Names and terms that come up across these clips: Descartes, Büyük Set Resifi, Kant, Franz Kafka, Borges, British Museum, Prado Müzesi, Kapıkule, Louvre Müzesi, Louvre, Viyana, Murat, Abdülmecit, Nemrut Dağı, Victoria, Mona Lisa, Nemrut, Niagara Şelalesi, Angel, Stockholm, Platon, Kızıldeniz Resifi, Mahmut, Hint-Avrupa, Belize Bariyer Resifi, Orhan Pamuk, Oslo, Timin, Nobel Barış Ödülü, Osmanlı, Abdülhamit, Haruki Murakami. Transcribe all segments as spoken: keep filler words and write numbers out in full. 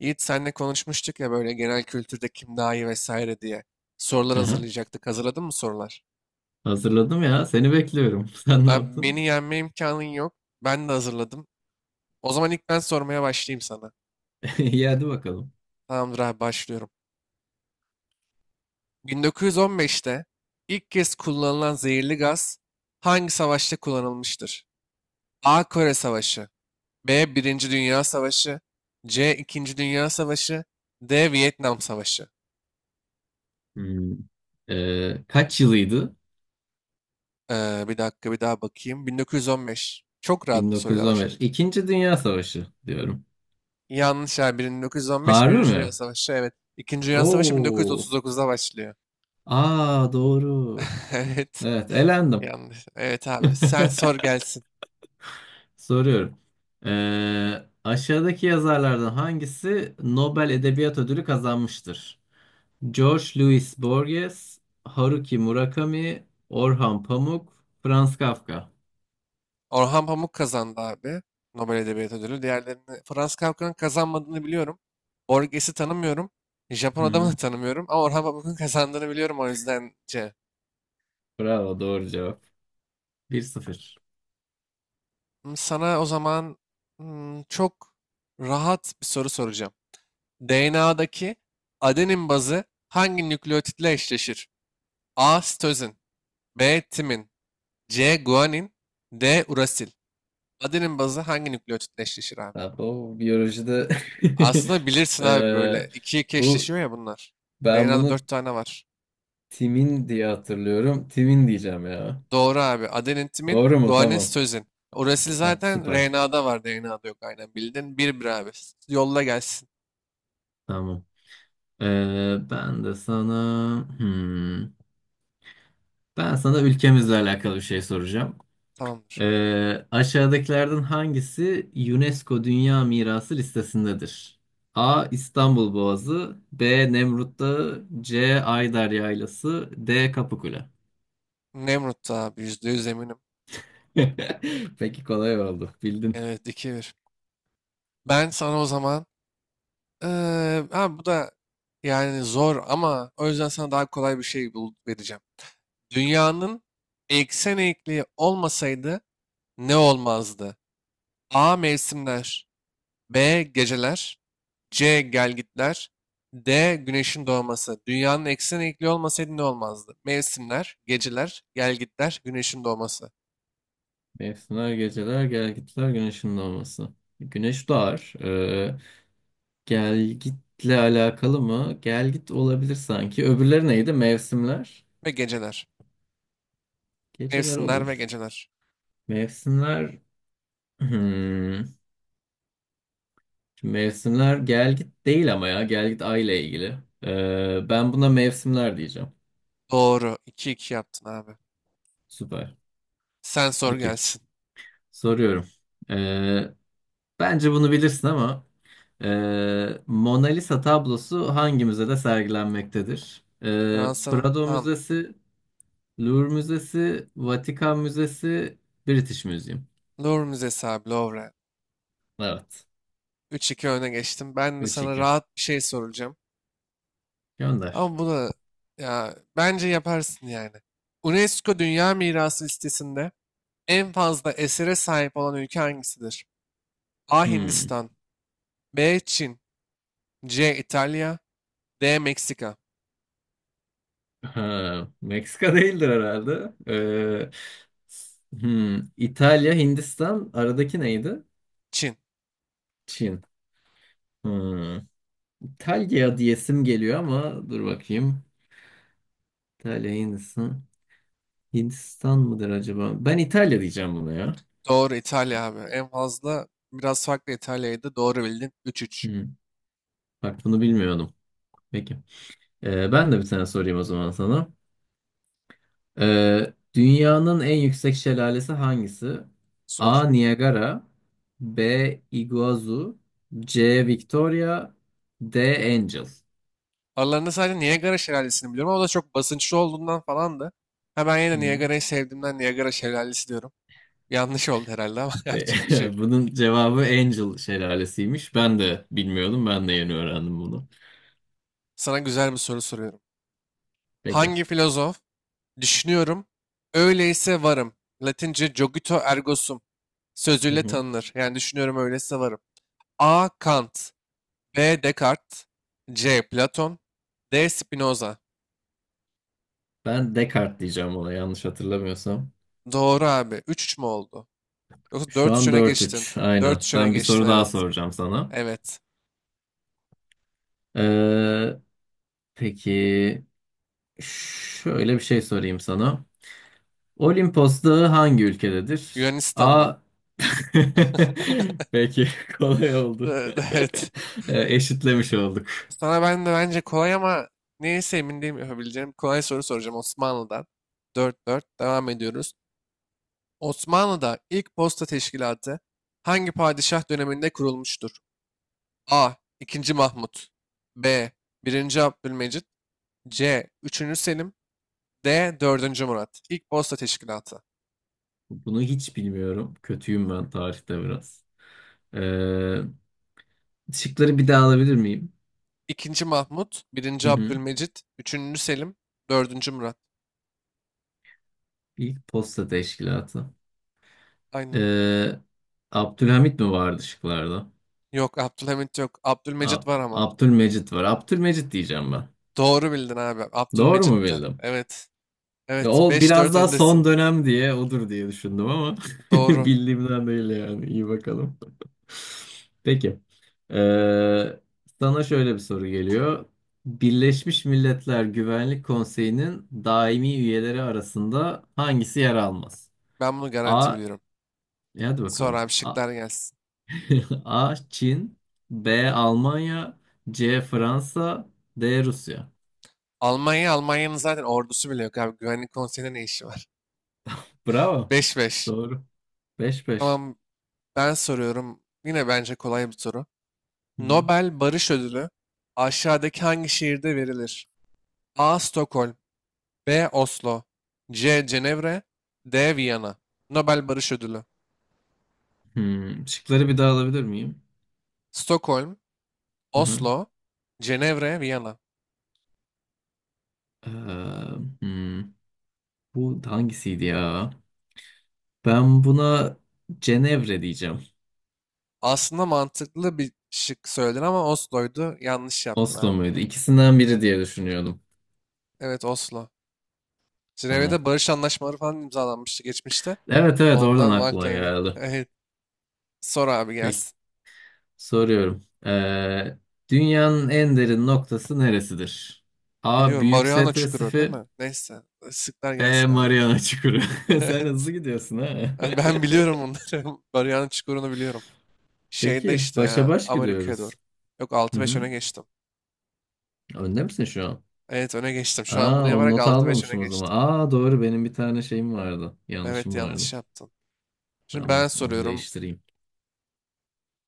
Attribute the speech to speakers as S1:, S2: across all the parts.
S1: Yiğit senle konuşmuştuk ya böyle genel kültürde kim daha iyi vesaire diye. Sorular
S2: Hı hı.
S1: hazırlayacaktık. Hazırladın mı sorular?
S2: Hazırladım ya. Seni bekliyorum. Sen ne
S1: Abi
S2: yaptın?
S1: beni yenme imkanın yok. Ben de hazırladım. O zaman ilk ben sormaya başlayayım sana.
S2: İyi hadi bakalım.
S1: Tamamdır abi başlıyorum. bin dokuz yüz on beşte ilk kez kullanılan zehirli gaz hangi savaşta kullanılmıştır? A. Kore Savaşı. B. Birinci Dünya Savaşı. C. İkinci Dünya Savaşı. D. Vietnam Savaşı.
S2: Hmm. Ee, kaç yılıydı?
S1: Ee, bir dakika bir daha bakayım. bin dokuz yüz on beş. Çok rahat bir soruyla
S2: bin dokuz yüz on beş.
S1: başladı.
S2: İkinci Dünya Savaşı diyorum.
S1: Yanlış abi. bin dokuz yüz on beş
S2: Harbi
S1: Birinci Dünya
S2: mi?
S1: Savaşı. Evet. İkinci Dünya Savaşı
S2: Oo.
S1: bin dokuz yüz otuz dokuzda başlıyor.
S2: Aa, doğru.
S1: Evet.
S2: Evet, elendim.
S1: Yanlış. Evet abi. Sen sor gelsin.
S2: Soruyorum. Ee, aşağıdaki yazarlardan hangisi Nobel Edebiyat Ödülü kazanmıştır? George Louis Borges, Haruki Murakami, Orhan Pamuk, Franz Kafka.
S1: Orhan Pamuk kazandı abi. Nobel Edebiyat Ödülü. Diğerlerini, Franz Kafka'nın kazanmadığını biliyorum. Borges'i tanımıyorum. Japon adamı
S2: Hı.
S1: da tanımıyorum. Ama Orhan Pamuk'un kazandığını biliyorum, o yüzden C.
S2: Bravo, doğru cevap. bir sıfır.
S1: Hmm, sana o zaman hmm, çok rahat bir soru soracağım. D N A'daki adenin bazı hangi nükleotitle eşleşir? A. Sitozin. B. Timin. C. Guanin. D. Urasil. Adenin bazı hangi nükleotit eşleşir abi?
S2: Abi, o biyolojide.
S1: Aslında bilirsin abi,
S2: eee,
S1: böyle iki iki
S2: bu
S1: eşleşiyor ya bunlar.
S2: ben
S1: R N A'da
S2: bunu
S1: dört tane var.
S2: timin diye hatırlıyorum. Timin diyeceğim ya.
S1: Doğru abi. Adenin, timin,
S2: Doğru mu?
S1: guanin,
S2: Tamam.
S1: sitozin. Urasil
S2: Ha,
S1: zaten
S2: süper.
S1: R N A'da var, D N A'da yok. Aynen bildin. Bir bir abi. Yolla gelsin.
S2: Tamam. Eee, ben de sana hmm, ben sana ülkemizle alakalı bir şey soracağım.
S1: Tamamdır.
S2: Ee, aşağıdakilerden hangisi UNESCO Dünya Mirası listesindedir? A. İstanbul Boğazı, B. Nemrut Dağı, C. Ayder Yaylası, D. Kapıkule.
S1: Nemrut da abi, yüzde yüz eminim.
S2: Peki, kolay oldu. Bildin.
S1: Evet, iki bir. Ben sana o zaman eee abi, bu da yani zor, ama o yüzden sana daha kolay bir şey bul vereceğim. Dünyanın eksen eğikliği olmasaydı ne olmazdı? A. Mevsimler. B. Geceler. C. Gelgitler. D. Güneşin doğması. Dünyanın eksen eğikliği olmasaydı ne olmazdı? Mevsimler, geceler, gelgitler, güneşin doğması
S2: Mevsimler, geceler, gelgitler, güneşin doğması. Güneş doğar. Ee, gelgitle alakalı mı? Gelgit olabilir sanki. Öbürleri neydi? Mevsimler.
S1: ve geceler.
S2: Geceler
S1: Mevsimler ve
S2: olur.
S1: geceler.
S2: Mevsimler... Hmm. Mevsimler gel git değil ama ya gel git ay ile ilgili. Ee, ben buna mevsimler diyeceğim.
S1: Doğru. iki iki yaptın abi.
S2: Süper.
S1: Sen sor
S2: Peki,
S1: gelsin.
S2: soruyorum. Ee, Bence bunu bilirsin ama ee, Mona Lisa tablosu hangi müzede sergilenmektedir? Ee,
S1: Fransa'nın
S2: Prado
S1: tam
S2: Müzesi, Louvre Müzesi, Vatikan Müzesi, British Museum.
S1: Louvre Müzesi abi, Louvre.
S2: Evet.
S1: Üç iki öne geçtim. Ben de
S2: Üç
S1: sana
S2: iki.
S1: rahat bir şey soracağım.
S2: Gönder.
S1: Ama bu da, ya, bence yaparsın yani. UNESCO Dünya Mirası listesinde en fazla esere sahip olan ülke hangisidir? A.
S2: Hmm.
S1: Hindistan. B. Çin. C. İtalya. D. Meksika.
S2: Ha, Meksika değildir herhalde. Ee, hmm, İtalya, Hindistan, aradaki neydi?
S1: Çin.
S2: Çin. Hmm. İtalya diyesim geliyor ama dur bakayım. İtalya, Hindistan. Hindistan mıdır acaba? Ben İtalya diyeceğim buna ya.
S1: Doğru, İtalya abi. En fazla biraz farklı, İtalya'ydı. Doğru bildin. üç üç.
S2: Hmm. Bak, bunu bilmiyordum. Peki. Ee, ben de bir tane sorayım o zaman sana. Ee, dünyanın en yüksek şelalesi hangisi?
S1: Sor.
S2: A. Niagara, B. Iguazu, C. Victoria, D. Angel.
S1: Aralarında sadece Niagara Şelalesi'ni biliyorum, ama o da çok basınçlı olduğundan falandı. Ha, ben yine
S2: Hı
S1: de
S2: hı.
S1: Niagara'yı sevdiğimden Niagara Şelalesi diyorum. Yanlış oldu herhalde ama
S2: Ve
S1: yapacak bir şey yok.
S2: bunun cevabı Angel şelalesiymiş. Ben de bilmiyordum. Ben de yeni öğrendim bunu.
S1: Sana güzel bir soru soruyorum.
S2: Peki.
S1: Hangi filozof düşünüyorum, öyleyse varım, Latince cogito ergo sum
S2: Hı
S1: sözüyle
S2: hı.
S1: tanınır? Yani düşünüyorum, öyleyse varım. A. Kant. B. Descartes. C. Platon. D. Spinoza.
S2: Ben Descartes diyeceğim ona, yanlış hatırlamıyorsam.
S1: Doğru abi. Üç üç mü oldu? Yoksa
S2: Şu
S1: dört üç
S2: an
S1: öne
S2: dört
S1: geçtin.
S2: üç.
S1: Dört
S2: Aynen.
S1: üç öne
S2: Ben bir
S1: geçtin,
S2: soru daha
S1: evet.
S2: soracağım sana.
S1: Evet.
S2: Ee, peki, şöyle bir şey sorayım sana. Olimpos Dağı hangi ülkededir?
S1: Yunanistan'da.
S2: A. Peki, kolay oldu.
S1: Evet. Evet.
S2: E, Eşitlemiş olduk.
S1: Sana ben de bence kolay, ama neyse, emin değilim yapabileceğim. Kolay soru soracağım Osmanlı'dan. Dört dört devam ediyoruz. Osmanlı'da ilk posta teşkilatı hangi padişah döneminde kurulmuştur? A. ikinci. Mahmut. B. Birinci Abdülmecit. C. Üçüncü Selim. D. Dördüncü Murat. İlk posta teşkilatı:
S2: Bunu hiç bilmiyorum. Kötüyüm ben tarihte biraz. E, şıkları bir daha alabilir miyim?
S1: ikinci. Mahmut,
S2: Hı
S1: Birinci
S2: hı.
S1: Abdülmecit, Üçüncü Selim, Dördüncü Murat.
S2: İlk posta teşkilatı.
S1: Aynen.
S2: E, Abdülhamit mi vardı şıklarda?
S1: Yok, Abdülhamit yok. Abdülmecit
S2: A-
S1: var ama.
S2: Abdülmecit var. Abdülmecit diyeceğim ben.
S1: Doğru bildin abi.
S2: Doğru mu
S1: Abdülmecit'ti.
S2: bildim?
S1: Evet.
S2: Ya
S1: Evet.
S2: o
S1: Beş
S2: biraz
S1: dört
S2: daha son
S1: öndesin.
S2: dönem diye odur diye düşündüm ama
S1: Doğru.
S2: bildiğimden değil yani. İyi bakalım. Peki. Ee, Sana şöyle bir soru geliyor. Birleşmiş Milletler Güvenlik Konseyi'nin daimi üyeleri arasında hangisi yer almaz?
S1: Ben bunu garanti
S2: A.
S1: biliyorum.
S2: e Hadi
S1: Sonra
S2: bakalım.
S1: abi
S2: A,
S1: şıklar gelsin.
S2: A. Çin, B. Almanya, C. Fransa, D. Rusya.
S1: Almanya, Almanya'nın zaten ordusu bile yok abi. Güvenlik konseyinde ne işi var?
S2: Bravo.
S1: beş beş.
S2: Doğru. Beş beş.
S1: Tamam, ben soruyorum. Yine bence kolay bir soru. Nobel Barış Ödülü aşağıdaki hangi şehirde verilir? A. Stockholm. B. Oslo. C. Cenevre. D. Viyana. Nobel Barış Ödülü.
S2: Hmm, şıkları bir daha alabilir miyim?
S1: Stockholm,
S2: Hı hı.
S1: Oslo, Cenevre, Viyana.
S2: Ee, hmm, Bu hangisiydi ya? Ben buna Cenevre diyeceğim.
S1: Aslında mantıklı bir şık söyledin, ama Oslo'ydu. Yanlış yaptın
S2: Oslo
S1: abi.
S2: muydu? İkisinden biri diye düşünüyordum.
S1: Evet, Oslo.
S2: Tamam.
S1: Cenevre'de barış anlaşmaları falan imzalanmıştı geçmişte.
S2: Evet, evet, oradan
S1: Ondan
S2: aklıma
S1: vakla.
S2: geldi.
S1: Evet, sor abi
S2: Peki,
S1: gelsin.
S2: soruyorum. Ee, dünyanın en derin noktası neresidir? A.
S1: Biliyorum,
S2: Büyük
S1: Mariana
S2: Set
S1: Çukuru değil
S2: Resifi,
S1: mi? Neyse, sıklar
S2: B.
S1: gelsin abi.
S2: Mariana Çukuru. Sen hızlı
S1: Evet.
S2: gidiyorsun ha.
S1: Ben ben biliyorum onları. Mariana Çukuru'nu biliyorum. Şeyde
S2: Peki,
S1: işte
S2: başa
S1: ya,
S2: baş
S1: Amerika'ya doğru.
S2: gidiyoruz.
S1: Yok, altı
S2: Hı
S1: beş
S2: hı.
S1: öne geçtim.
S2: Önde misin şu an?
S1: Evet, öne geçtim. Şu an bunu
S2: Aa, o
S1: yaparak
S2: not
S1: altı beş öne
S2: almamışım o zaman.
S1: geçtim.
S2: Aa, doğru, benim bir tane şeyim vardı.
S1: Evet,
S2: Yanlışım
S1: yanlış
S2: vardı.
S1: yaptın. Şimdi
S2: Tamam,
S1: ben
S2: onu
S1: soruyorum.
S2: değiştireyim.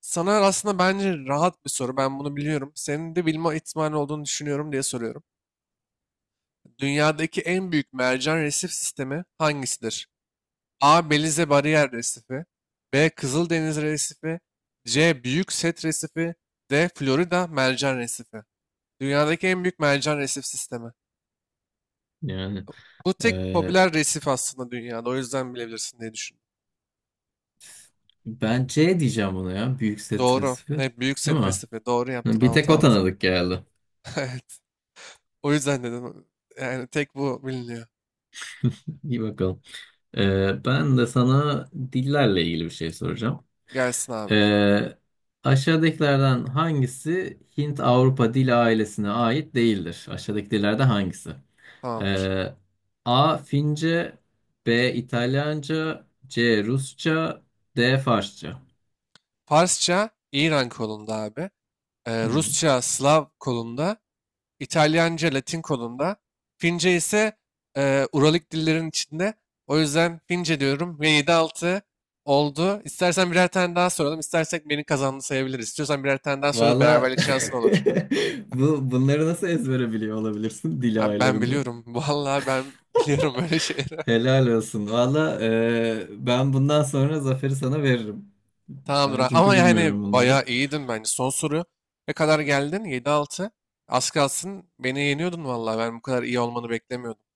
S1: Sana aslında bence rahat bir soru. Ben bunu biliyorum. Senin de bilme ihtimali olduğunu düşünüyorum diye soruyorum. Dünyadaki en büyük mercan resif sistemi hangisidir? A. Belize Bariyer Resifi. B. Kızıldeniz Resifi. C. Büyük Set Resifi. D. Florida Mercan Resifi. Dünyadaki en büyük mercan resif sistemi.
S2: Yani
S1: Bu tek
S2: e,
S1: popüler resif aslında dünyada. O yüzden bilebilirsin diye düşündüm.
S2: ben C diyeceğim buna ya. Büyük
S1: Doğru.
S2: stresi.
S1: Evet, Büyük
S2: Değil
S1: Set
S2: mi?
S1: Resifi. Doğru yaptın.
S2: Bir tek
S1: Altı
S2: o
S1: altı.
S2: tanıdık geldi.
S1: Evet. O yüzden dedim. Yani tek bu biliniyor.
S2: İyi bakalım. E, ben de sana dillerle ilgili bir şey soracağım.
S1: Gelsin abi.
S2: E, Aşağıdakilerden hangisi Hint-Avrupa dil ailesine ait değildir? Aşağıdaki dillerde hangisi?
S1: Tamamdır.
S2: Ee, A. Fince, B. İtalyanca, C. Rusça, D. Farsça.
S1: Farsça İran kolunda abi. Ee,
S2: Hmm.
S1: Rusça Slav kolunda. İtalyanca Latin kolunda. Fince ise e, Uralik dillerin içinde. O yüzden Fince diyorum ve yedi altı oldu. İstersen birer tane daha soralım. İstersek beni kazandı sayabiliriz. İstiyorsan birer tane daha sorarız.
S2: Valla,
S1: Beraberlik şansın olur.
S2: bu, bunları nasıl ezbere biliyor olabilirsin dil
S1: Abi ben
S2: ayarlarını?
S1: biliyorum. Vallahi ben biliyorum böyle şeyleri.
S2: Helal olsun. Valla, e, ben bundan sonra zaferi sana veririm.
S1: Tamamdır
S2: Ben
S1: abi.
S2: çünkü
S1: Ama yani
S2: bilmiyorum
S1: bayağı
S2: bunları.
S1: iyiydin bence. Son soru, ne kadar geldin? yedi altı. Az kalsın beni yeniyordun vallahi. Ben bu kadar iyi olmanı beklemiyordum.